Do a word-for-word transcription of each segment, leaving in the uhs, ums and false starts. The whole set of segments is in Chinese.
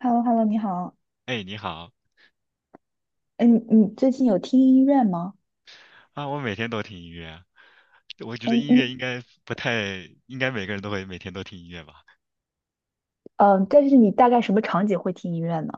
h e l l o h e l l o 你好。哎，你好哎，你你最近有听音乐吗？啊！我每天都听音乐，我觉哎，得音乐你应该不太，应该每个人都会每天都听音乐吧。嗯、呃但是你大概什么场景会听音乐呢？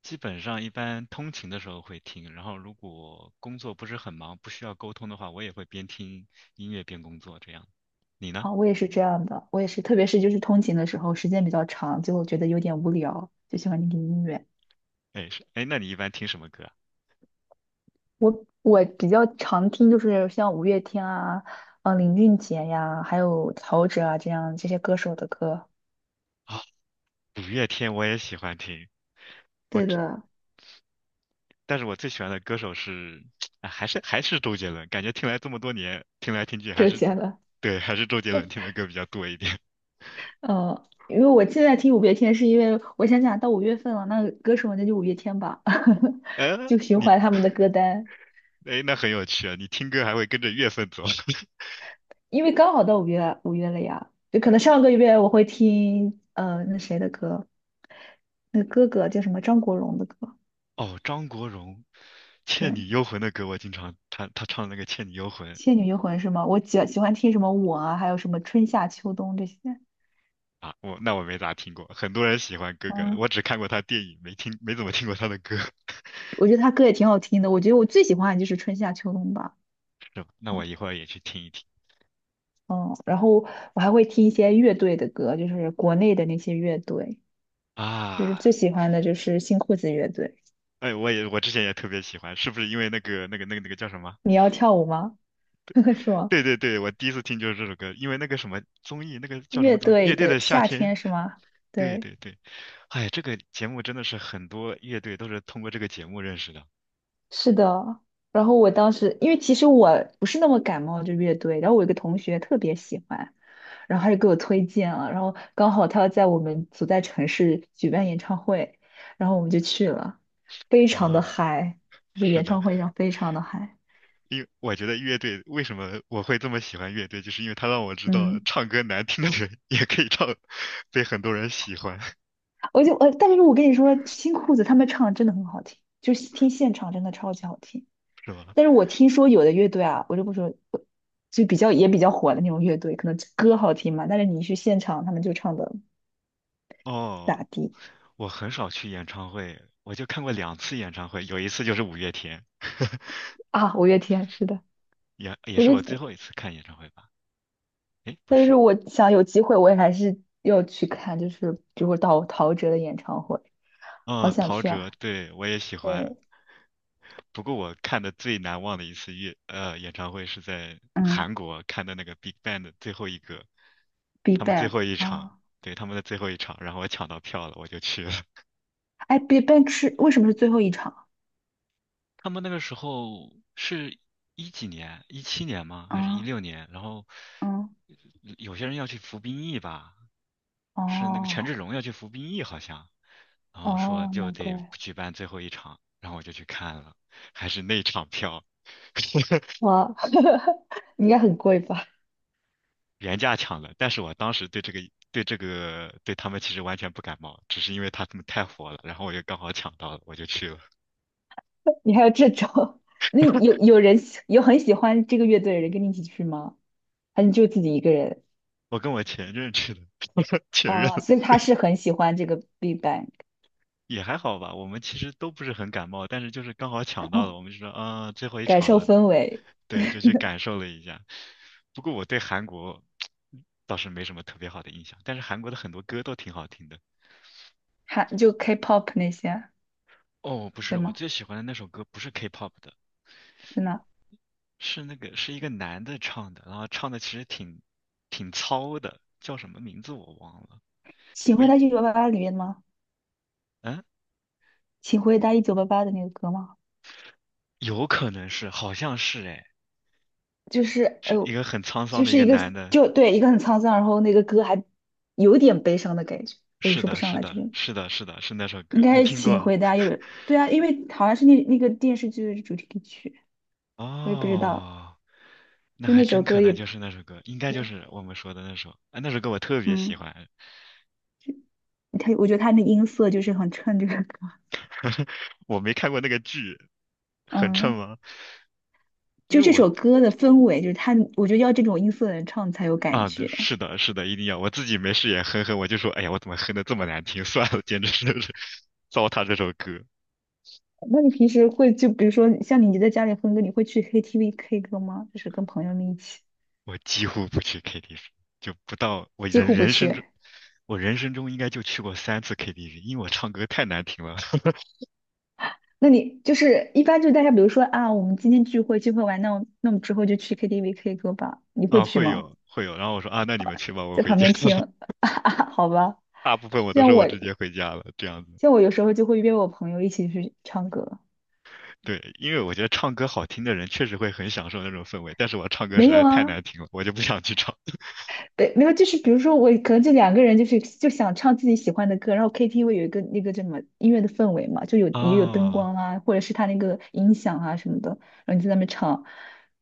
基本上一般通勤的时候会听，然后如果工作不是很忙，不需要沟通的话，我也会边听音乐边工作这样。你呢？啊、我也是这样的，我也是，特别是就是通勤的时候，时间比较长，就觉得有点无聊，就喜欢听听音乐。哎，是，哎，那你一般听什么歌啊？我我比较常听就是像五月天啊，嗯、林俊杰呀，还有陶喆啊这样这些歌手的歌。啊，五月天我也喜欢听，我对只，的，但是我最喜欢的歌手是，啊还是还是周杰伦，感觉听来这么多年，听来听去还周是，杰伦。对，还是周杰伦听的歌比较多一点。呃，因为我现在听五月天，是因为我想想到五月份了，那歌手那就五月天吧，呃，就循你环他们的歌单，哎，那很有趣啊！你听歌还会跟着乐份走。因为刚好到五月五月了呀，就可能上个月我会听呃那谁的歌，那哥哥叫什么张国荣的歌，哦，张国荣，《倩女对，幽魂》的歌我经常，他他唱的那个《倩女幽魂》《倩女幽魂》是吗？我喜喜欢听什么我啊，还有什么春夏秋冬这些，啊，我那我没咋听过。很多人喜欢哥哥，我嗯，只看过他电影，没听没怎么听过他的歌，我觉得他歌也挺好听的，我觉得我最喜欢的就是春夏秋冬吧。是吧？那我嗯，一会儿也去听一听嗯然后我还会听一些乐队的歌，就是国内的那些乐队。就是啊。最喜欢的就是新裤子乐队。哎，我也我之前也特别喜欢，是不是因为那个那个那个那个叫什么？你要跳舞吗？是吗？对对对，我第一次听就是这首歌，因为那个什么综艺，那个叫什乐么综艺，队《乐队的的夏夏天》。天是吗？对对，对对，哎，这个节目真的是很多乐队都是通过这个节目认识的。是的。然后我当时，因为其实我不是那么感冒这乐队，然后我有个同学特别喜欢，然后他就给我推荐了，然后刚好他要在我们所在城市举办演唱会，然后我们就去了，非常的啊，嗨，就是是演的，唱会上非常的嗨。因为我觉得乐队为什么我会这么喜欢乐队，就是因为他让我知道嗯，唱歌难听的人 也可以唱，被很多人喜欢，我就呃，但是我跟你说，新裤子他们唱得真的很好听，就是听现场真的超级好听。是吧？但是我听说有的乐队啊，我就不说，就比较也比较火的那种乐队，可能歌好听嘛，但是你去现场，他们就唱的不哦，咋地我很少去演唱会，我就看过两次演唱会，有一次就是五月天，啊。五月天是的，也也可是是我最后一次看演唱会吧？诶，不但是是，我想有机会，我也还是要去看，就是比如说陶陶喆的演唱会，好嗯，想陶去喆，啊。对，我也喜欢，对，不过我看的最难忘的一次乐呃演唱会是在嗯 韩国看的那个 Big Bang 的最后一个，b e 他 b 们最 a c k 后一场，啊，对，他们的最后一场，然后我抢到票了，我就去了。哎 b e b a c k 是为什么是最后一场他们那个时候是一几年，一七年吗？还是一啊？六年？然后嗯，有些人要去服兵役吧，是那个权志哦龙要去服兵役好像，然后说哦，就难得怪举办最后一场，然后我就去看了，还是那场票，哇，应该很贵吧？原价抢的，但是我当时对这个对这个对他们其实完全不感冒，只是因为他们太火了，然后我就刚好抢到了，我就去了。你还有这种？那有有人喜有很喜欢这个乐队的人跟你一起去吗？还是就自己一个人？我跟我前任去的，前任啊、所以他是很喜欢这个 Big Bang，也还好吧，我们其实都不是很感冒，但是就是刚好抢到了，我们就说啊，最后一感场受了，氛围，对，就去感受了一下。不过我对韩国倒是没什么特别好的印象，但是韩国的很多歌都挺好听的。还就 K-pop 那些，哦，不是，对我吗？最喜欢的那首歌不是 K-pop 的，真的，是那个是一个男的唱的，然后唱的其实挺挺糙的，叫什么名字我忘了。《请我回一答一九八八》里面的吗？嗯，《请回答一九八八》的那个歌吗？有可能是，好像是哎，就是哎是一呦，个很沧桑就的一是个一个男的。就对一个很沧桑，然后那个歌还有点悲伤的感觉，我也是说不的，上是来，就的，是是的，是的，是那首应歌，你该是听请过？回答，因为对啊，因为好像是那那个电视剧的主题曲。我也不知道，哦，那就还那首真可歌也能就是那首歌，应该就对，是我们说的那首。啊，那首歌我特别喜嗯，欢，他我觉得他那音色就是很衬这个歌 我没看过那个剧，很衬嗯，吗？因就为这我首歌的氛围，就是他，我觉得要这种音色的人唱才有感啊，对，觉。是的，是的，一定要。我自己没事也哼哼，我就说，哎呀，我怎么哼的这么难听？算了，简直是 糟蹋这首歌。那你平时会就比如说像你在家里哼歌，你会去 K T V K 歌吗？就是跟朋友们一起，我几乎不去 K T V，就不到我几人乎不人生中，去。我人生中应该就去过三次 K T V，因为我唱歌太难听了。那你就是一般就是大家比如说啊，我们今天聚会聚会完，那我那我们之后就去 K T V K 歌吧，你会啊，去会吗？有会有，然后我说啊，那你们去吧，我在回旁家边了。听，好吧。大部分我都像说我我直接回家了，这样子。像我有时候就会约我朋友一起去唱歌。对，因为我觉得唱歌好听的人确实会很享受那种氛围，但是我唱歌实没有在太啊，难听了，我就不想去唱。对，没有，就是比如说我可能就两个人，就是就想唱自己喜欢的歌，然后 K T V 有一个那个叫什么音乐的氛围嘛，就有 也有灯啊，光啊，或者是他那个音响啊什么的，然后你就在那边唱，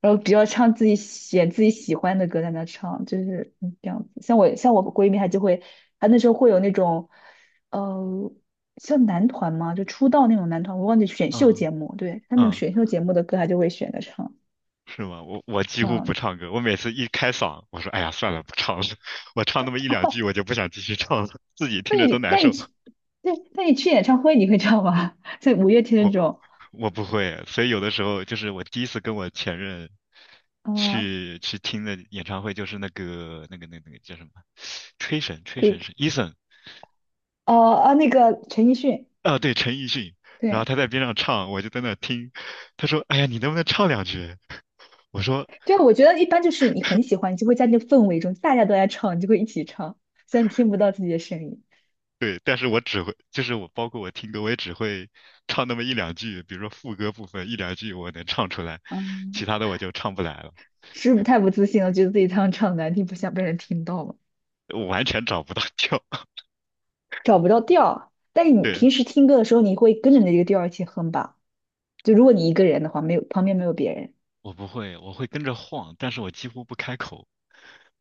然后比较唱自己选自己喜欢的歌在那唱，就是嗯这样子。像我像我闺蜜，她就会，她那时候会有那种，呃，像男团嘛，就出道那种男团，我忘记选秀嗯节目，对，他那种嗯。选秀节目的歌，她就会选着唱。是吗？我我几这乎样，不唱歌，我每次一开嗓，我说哎呀算了，不唱了，我唱那么一两 句，我就不想继续唱了，自己那听着都你难那你受。去，对，那你去演唱会你会唱吗？在五月天那我种，我不会，所以有的时候就是我第一次跟我前任啊、去去听的演唱会，就是那个那个那个那个叫什么，吹神吹可以，神是 Eason 哦啊，那个陈奕迅，啊，对，陈奕迅，然后对他在边上唱，我就在那听，他说哎呀你能不能唱两句？我说对，我觉得一般就是你很喜欢，你就会在那个氛围中，大家都在唱，你就会一起唱，虽然你听不到自己的声音，对，但是我只会，就是我包括我听歌，我也只会 唱那么一两句，比如说副歌部分一两句我能唱出来，其嗯，他的我就唱不来了，是不是太不自信了？觉得自己唱唱难听，不想被人听到吗？我完全找不到调。找不到调儿。但是你对，平时听歌的时候，你会跟着那个调儿一起哼吧？就如果你一个人的话，没有旁边没有别人，我不会，我会跟着晃，但是我几乎不开口。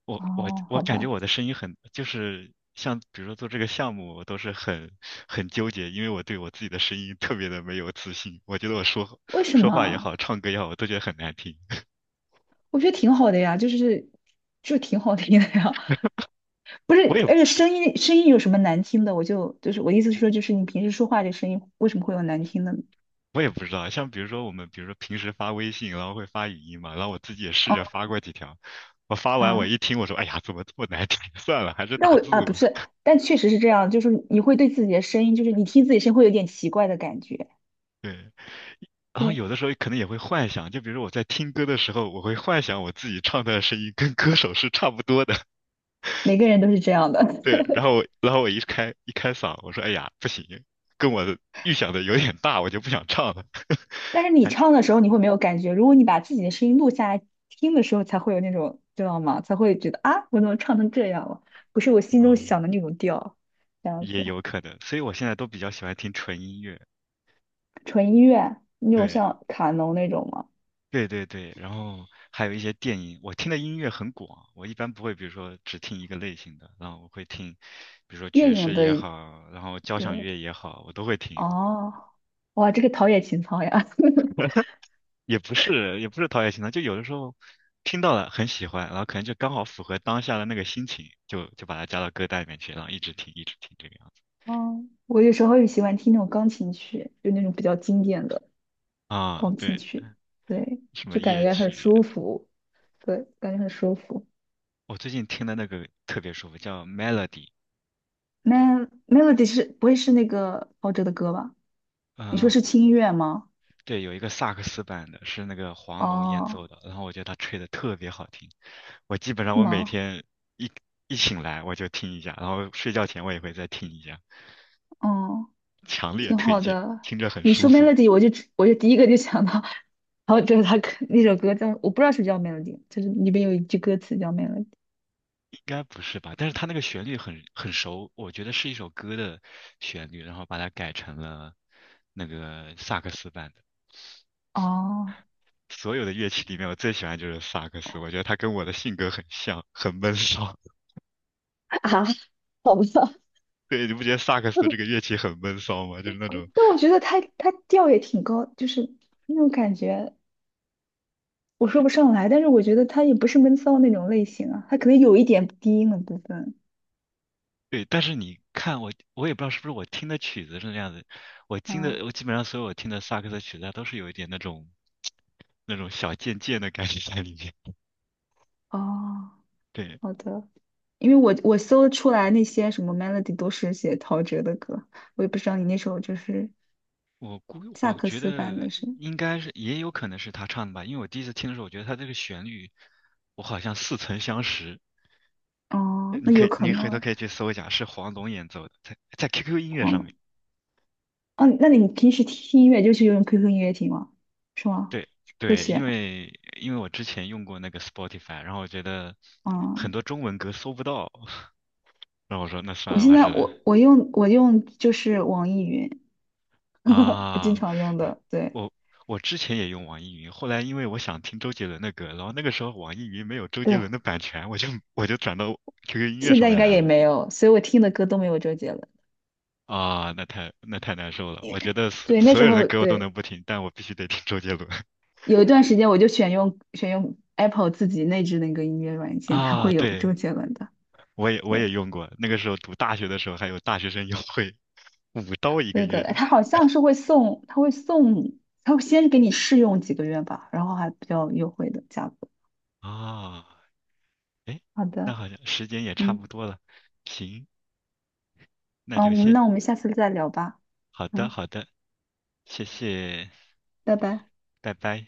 我我哦，我好感觉吧，我的声音很，就是像比如说做这个项目，我都是很很纠结，因为我对我自己的声音特别的没有自信，我觉得我说为什说么话也啊？好，唱歌也好，我都觉得很难听。我觉得挺好的呀，就是就挺好听的呀，不是，我也而且我声音声音有什么难听的？我就就是我意思是说，就是你平时说话这声音为什么会有难听的我也不知道，像比如说我们，比如说平时发微信，然后会发语音嘛，然后我自己也试啊着发过几条，我发完我啊！一听，我说，哎呀，怎么这么难听？算了，还是那打我啊字吧。不是，但确实是这样，就是你会对自己的声音，就是你听自己声音会有点奇怪的感觉，对，然后对，有的时候可能也会幻想，就比如说我在听歌的时候，我会幻想我自己唱的声音跟歌手是差不多的。每个人都是这样的。对，然后我然后我一开一开嗓，我说，哎呀，不行，跟我的预想的有点大，我就不想唱了。但是你唱的时候你会没有感觉，如果你把自己的声音录下来听的时候，才会有那种知道吗？才会觉得啊，我怎么唱成这样了？不是我心中嗯，想的那种调，这样也子。有可能，所以我现在都比较喜欢听纯音乐。纯音乐那种对。像卡农那种吗？对对对，然后还有一些电影，我听的音乐很广，我一般不会，比如说只听一个类型的，然后我会听，比如说电爵影士也的，好，然后交响对，乐也好，我都会听，哦，哇，这个陶冶情操呀！也不是也不是陶冶情操，就有的时候听到了很喜欢，然后可能就刚好符合当下的那个心情，就就把它加到歌单里面去，然后一直听一直听这个样子。哦，我有时候也喜欢听那种钢琴曲，就那种比较经典的啊，钢琴对，曲，对，什么就感夜觉很曲，舒服，对，感觉很舒服。我最近听的那个特别舒服，叫 Melody。那 Melody 是不会是那个陶喆的歌吧？你说嗯、是轻音乐吗？对，有一个萨克斯版的，是那个黄龙演奏哦，的，然后我觉得他吹的特别好听。我基本上是我每吗？天一一醒来我就听一下，然后睡觉前我也会再听一下，哦。强烈挺推好荐，的。听着很你舒说 服。melody，我就只我就第一个就想到，然后就是他可那首歌叫，我不知道是不是叫 melody，就是里边有一句歌词叫 melody。应该不是吧？但是他那个旋律很很熟，我觉得是一首歌的旋律，然后把它改成了那个萨克斯版的。哦 所有的乐器里面，我最喜欢就是萨克斯，我觉得他跟我的性格很像，很闷骚。啊，好吧，对，你不觉得萨克斯这个乐器很闷骚吗？就是那种但我觉得他他调也挺高，就是那种感觉我说不上来，但是我觉得他也不是闷骚那种类型啊，他可能有一点低音的部分。对，但是你看我，我也不知道是不是我听的曲子是那样子，我听的嗯，我基本上所有我听的萨克斯曲子，它都是有一点那种那种小贱贱的感觉在里面。哦，对，好的，因为我我搜出来那些什么 melody 都是写陶喆的歌，我也不知道你那首就是我估萨我克觉斯版得的是。应该是也有可能是他唱的吧，因为我第一次听的时候，我觉得他这个旋律我好像似曾相识。呃哦，你那可有以可你回能头哎可以去搜一下，是黄龙演奏的，在在 Q Q 音乐忘上了。面。哦，那你平时听音乐就是用 Q Q 音乐听吗？是吗？对会对，因选？为因为我之前用过那个 Spotify，然后我觉得很嗯，多中文歌搜不到。然后我说那算我了，我现还在是我我用我用就是网易云，我经啊，常用的。对我我之前也用网易云，后来因为我想听周杰伦的歌，然后那个时候网易云没有周杰对，伦的版权，我就我就转到 Q Q 音乐现上在应面该来也了。没有，所以我听的歌都没有周杰伦。啊，那太那太难受了。我也觉得所对，那所时有人的候歌我都能对，不听，但我必须得听周杰伦。有一段时间我就选用选用 Apple 自己内置那个音乐软件，它啊，会有周对，杰伦的。我也我对，也用过，那个时候读大学的时候还有大学生优惠，五刀一个对的，月。哎他好像是会送，他会送，他会先给你试用几个月吧，然后还比较优惠的价格。啊，哎，好那的，好像时间也差不嗯，多了，行，那嗯，我就们谢，那我们下次再聊吧，好的嗯，好的。谢谢，拜拜。拜拜。